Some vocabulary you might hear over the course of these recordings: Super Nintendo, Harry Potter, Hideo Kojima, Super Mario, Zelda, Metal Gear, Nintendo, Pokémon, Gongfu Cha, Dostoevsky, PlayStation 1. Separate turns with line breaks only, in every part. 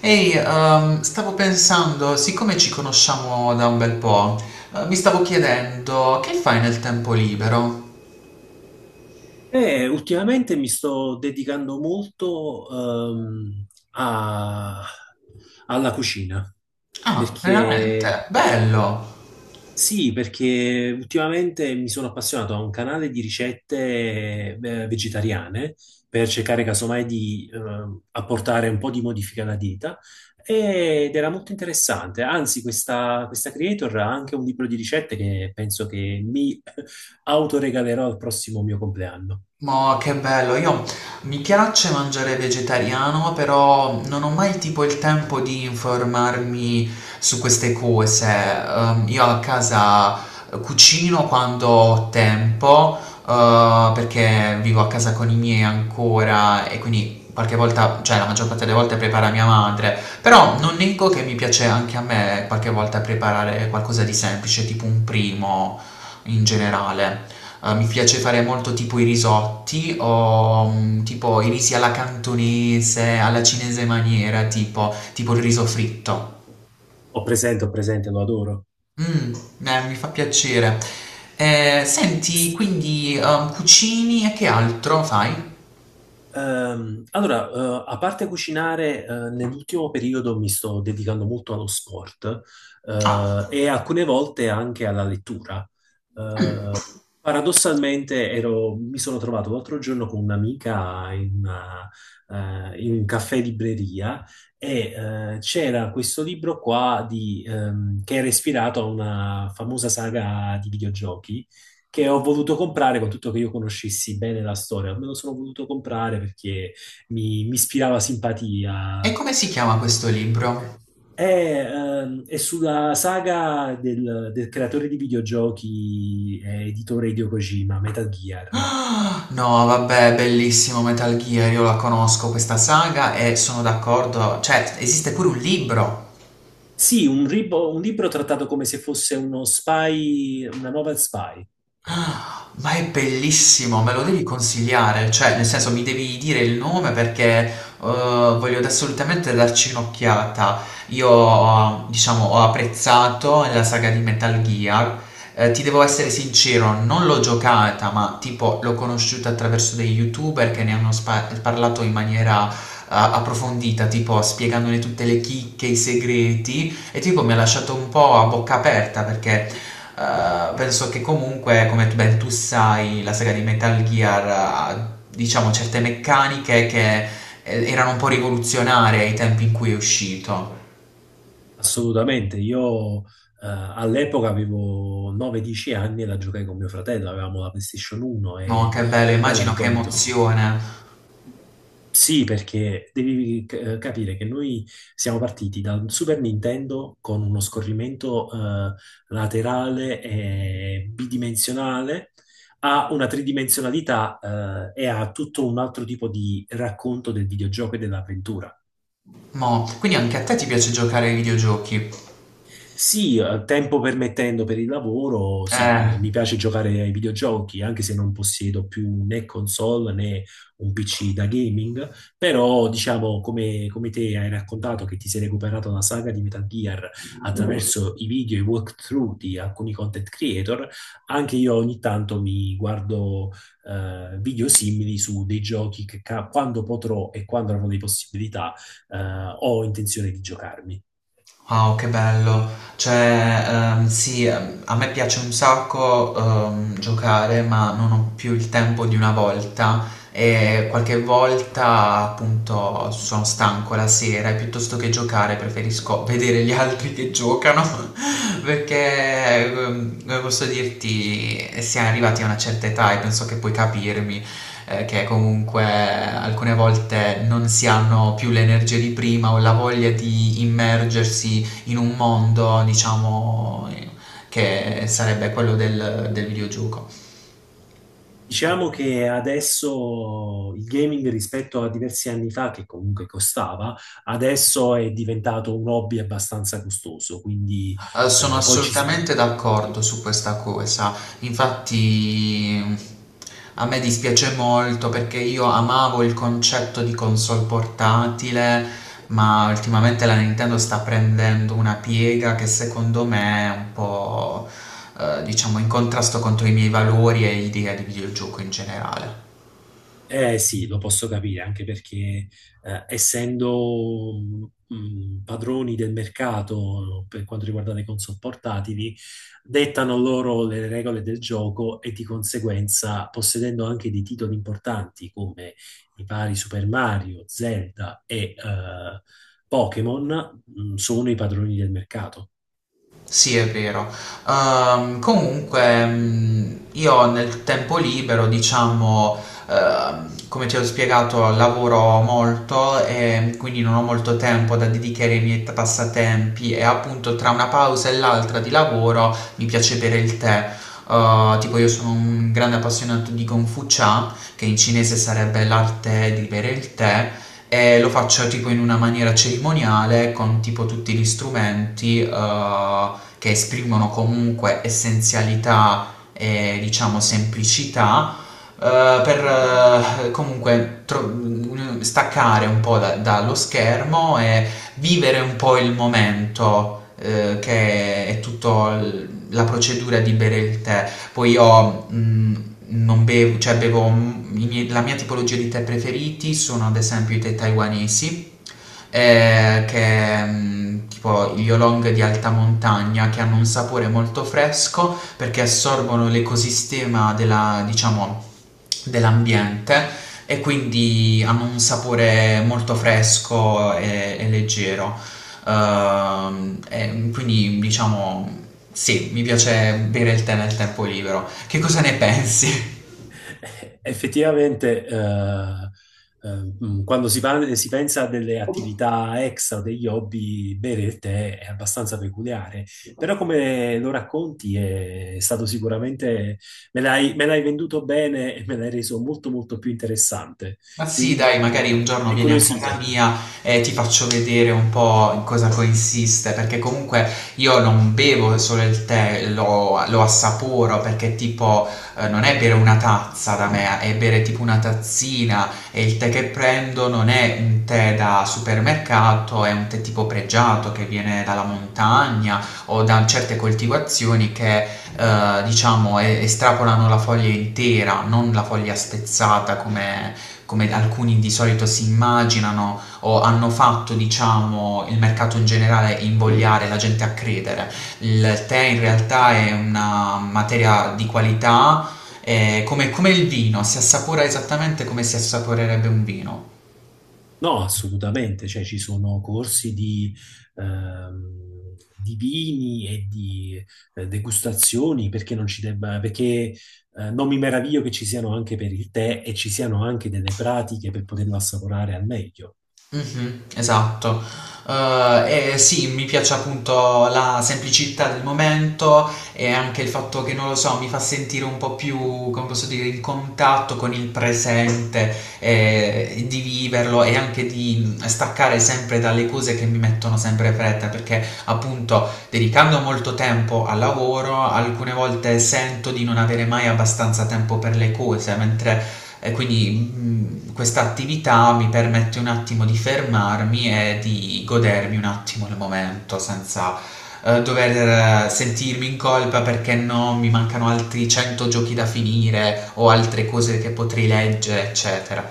Ehi, stavo pensando, siccome ci conosciamo da un bel po', mi stavo chiedendo che fai nel tempo libero?
Ultimamente mi sto dedicando molto ehm, a- alla cucina,
Ah,
perché
veramente? Bello!
sì, perché ultimamente mi sono appassionato a un canale di ricette vegetariane per cercare casomai di apportare un po' di modifica alla dieta ed era molto interessante. Anzi, questa creator ha anche un libro di ricette che penso che mi autoregalerò al prossimo mio compleanno.
Ma che bello, io mi piace mangiare vegetariano, però non ho mai tipo il tempo di informarmi su queste cose. Io a casa cucino quando ho tempo, perché vivo a casa con i miei ancora e quindi qualche volta, cioè la maggior parte delle volte prepara mia madre, però non nego che mi piace anche a me qualche volta preparare qualcosa di semplice, tipo un primo in generale. Mi piace fare molto tipo i risotti o tipo i risi alla cantonese, alla cinese maniera, tipo il riso fritto.
Ho presente, lo adoro.
Mm, mi fa piacere. Senti,
S-
quindi cucini e che altro fai?
allora, a parte cucinare, nell'ultimo periodo mi sto dedicando molto allo sport,
Ah,
e alcune volte anche alla lettura.
mm.
Paradossalmente mi sono trovato l'altro giorno con un'amica in un caffè libreria e c'era questo libro qua che era ispirato a una famosa saga di videogiochi che ho voluto comprare con tutto che io conoscessi bene la storia. Me lo sono voluto comprare perché mi ispirava simpatia.
E come si chiama questo libro?
È, è sulla saga del creatore di videogiochi e editore Hideo Kojima, Metal Gear.
Ah, no, vabbè, bellissimo Metal Gear, io la conosco questa saga e sono d'accordo, cioè esiste pure un libro.
Sì, un libro trattato come se fosse uno spy, una novel spy,
Ma è bellissimo, me lo devi consigliare, cioè nel senso mi devi dire il nome perché voglio assolutamente darci un'occhiata. Io, diciamo, ho apprezzato la saga di Metal Gear. Ti devo essere sincero, non l'ho giocata, ma tipo l'ho conosciuta attraverso dei YouTuber che ne hanno parlato in maniera approfondita, tipo spiegandone tutte le chicche, i segreti. E tipo mi ha lasciato un po' a bocca aperta perché penso che comunque, come ben tu sai, la saga di Metal Gear ha diciamo certe meccaniche che erano un po' rivoluzionarie ai tempi in cui è uscito.
assolutamente. Io all'epoca avevo 9-10 anni e la giocai con mio fratello, avevamo la PlayStation 1
Mo,
e
che bello,
me la
immagino che
ricordo.
emozione.
Sì, perché devi capire che noi siamo partiti da un Super Nintendo con uno scorrimento laterale e bidimensionale a una tridimensionalità e a tutto un altro tipo di racconto del videogioco e dell'avventura.
Mo, quindi anche a te ti piace giocare ai videogiochi?
Sì, tempo permettendo per il lavoro, sì,
Eh.
mi piace giocare ai videogiochi, anche se non possiedo più né console né un PC da gaming, però diciamo come te hai raccontato che ti sei recuperato la saga di Metal Gear attraverso i video e i walkthrough di alcuni content creator, anche io ogni tanto mi guardo video simili su dei giochi che quando potrò e quando avrò le possibilità eh, ho intenzione di giocarmi.
Wow, che bello. Cioè, sì, a me piace un sacco giocare, ma non ho più il tempo di una volta e qualche volta appunto sono stanco la sera e piuttosto che giocare preferisco vedere gli altri che giocano perché, come posso dirti, siamo arrivati a una certa età e penso che puoi capirmi che comunque alcune volte non si hanno più l'energia di prima o la voglia di immergersi in un mondo, diciamo, che sarebbe quello del videogioco.
Diciamo che adesso il gaming rispetto a diversi anni fa, che comunque costava, adesso è diventato un hobby abbastanza costoso, quindi
Sono
eh, poi ci,
assolutamente d'accordo su questa cosa. Infatti a me dispiace molto perché io amavo il concetto di console portatile, ma ultimamente la Nintendo sta prendendo una piega che secondo me è un po', diciamo, in contrasto contro i miei valori e idee di videogioco in generale.
eh sì, lo posso capire, anche perché essendo padroni del mercato per quanto riguarda le console portatili, dettano loro le regole del gioco e di conseguenza, possedendo anche dei titoli importanti come i vari Super Mario, Zelda e Pokémon, sono i padroni del mercato.
Sì, è vero. Comunque, io nel tempo libero, diciamo, come ti ho spiegato, lavoro molto e quindi non ho molto tempo da dedicare ai miei passatempi e appunto tra una pausa e l'altra di lavoro mi piace bere il tè. Tipo io sono un grande appassionato di Gongfu Cha, che in cinese sarebbe l'arte di bere il tè. E lo faccio tipo in una maniera cerimoniale con tipo tutti gli strumenti, che esprimono comunque essenzialità e diciamo semplicità, per comunque staccare un po' dallo schermo e vivere un po' il momento che è tutta la procedura di bere il tè. Poi io non bevo, cioè bevo la mia tipologia di tè preferiti sono ad esempio i tè taiwanesi che tipo gli oolong di alta montagna che hanno un sapore molto fresco perché assorbono l'ecosistema della, diciamo, dell'ambiente e quindi hanno un sapore molto fresco e leggero. E quindi diciamo sì, mi piace bere il tè nel tempo libero. Che cosa ne pensi?
Effettivamente, eh, quando si pensa a delle attività extra o degli hobby, bere il tè è abbastanza peculiare, però come lo racconti è stato sicuramente, me l'hai venduto bene e me l'hai reso molto molto più interessante,
Ma sì,
quindi
dai, magari un
è
giorno vieni a casa
incuriosito.
mia e ti faccio vedere un po' in cosa consiste, perché comunque io non bevo solo il tè, lo assaporo, perché tipo non è bere una tazza da me, è bere tipo una tazzina e il tè che prendo non è un tè da supermercato, è un tè tipo pregiato che viene dalla montagna o da certe coltivazioni che diciamo, estrapolano la foglia intera, non la foglia spezzata come alcuni di solito si immaginano o hanno fatto, diciamo, il mercato in generale invogliare la gente a credere. Il tè in realtà è una materia di qualità, è come il vino, si assapora esattamente come si assaporerebbe un vino.
No, assolutamente, cioè ci sono corsi di vini e di degustazioni, perché non ci debba, perché non mi meraviglio che ci siano anche per il tè e ci siano anche delle pratiche per poterlo assaporare al meglio.
Mh-mh, esatto. E sì, mi piace appunto la semplicità del momento e anche il fatto che, non lo so, mi fa sentire un po' più, come posso dire, in contatto con il presente, di viverlo e anche di, staccare sempre dalle cose che mi mettono sempre fretta, perché appunto dedicando molto tempo al lavoro, alcune volte sento di non avere mai abbastanza tempo per le cose, mentre e quindi questa attività mi permette un attimo di fermarmi e di godermi un attimo il momento senza dover sentirmi in colpa perché no, mi mancano altri 100 giochi da finire o altre cose che potrei leggere, eccetera.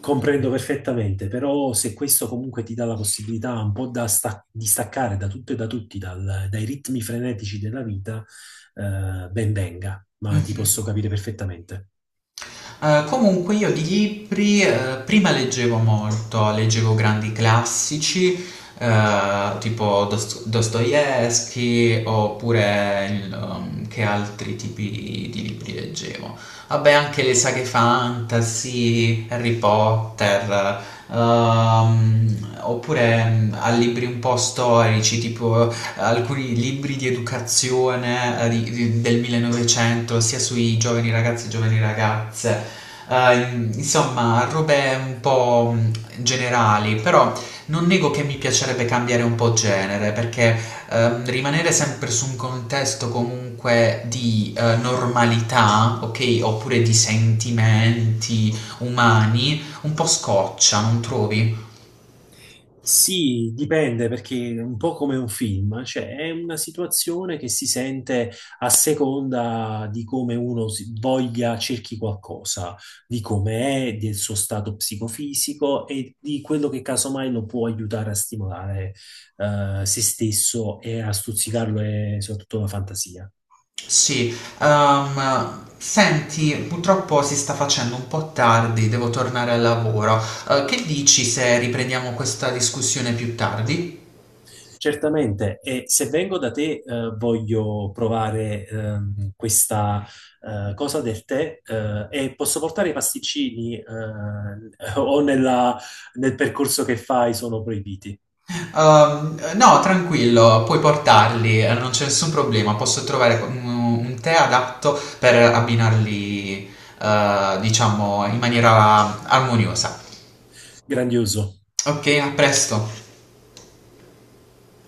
Comprendo perfettamente, però se questo comunque ti dà la possibilità un po' di staccare da tutto e da tutti, dai ritmi frenetici della vita, ben venga, ma ti
Mhm.
posso capire perfettamente.
Comunque io di libri prima leggevo molto, leggevo grandi classici tipo Dostoevsky oppure che altri tipi di libri leggevo. Vabbè, anche le saghe fantasy, Harry Potter, oppure a libri un po' storici tipo alcuni libri di educazione del 1900, sia sui giovani ragazzi e giovani ragazze. Eh, insomma, robe un po' generali, però non nego che mi piacerebbe cambiare un po' genere, perché rimanere sempre su un contesto comunque di normalità, ok, oppure di sentimenti umani, un po' scoccia, non trovi?
Sì, dipende perché è un po' come un film, cioè è una situazione che si sente a seconda di come uno voglia, cerchi qualcosa, di come è, del suo stato psicofisico e di quello che casomai lo può aiutare a stimolare se stesso e a stuzzicarlo e soprattutto la fantasia.
Sì, senti, purtroppo si sta facendo un po' tardi, devo tornare al lavoro. Che dici se riprendiamo questa discussione più tardi?
Certamente, e se vengo da te, voglio provare questa cosa del tè e posso portare i pasticcini o nella- nel percorso che fai sono proibiti.
No, tranquillo, puoi portarli, non c'è nessun problema, posso trovare un tè adatto per abbinarli, diciamo, in maniera armoniosa.
Grandioso.
Ok, a presto.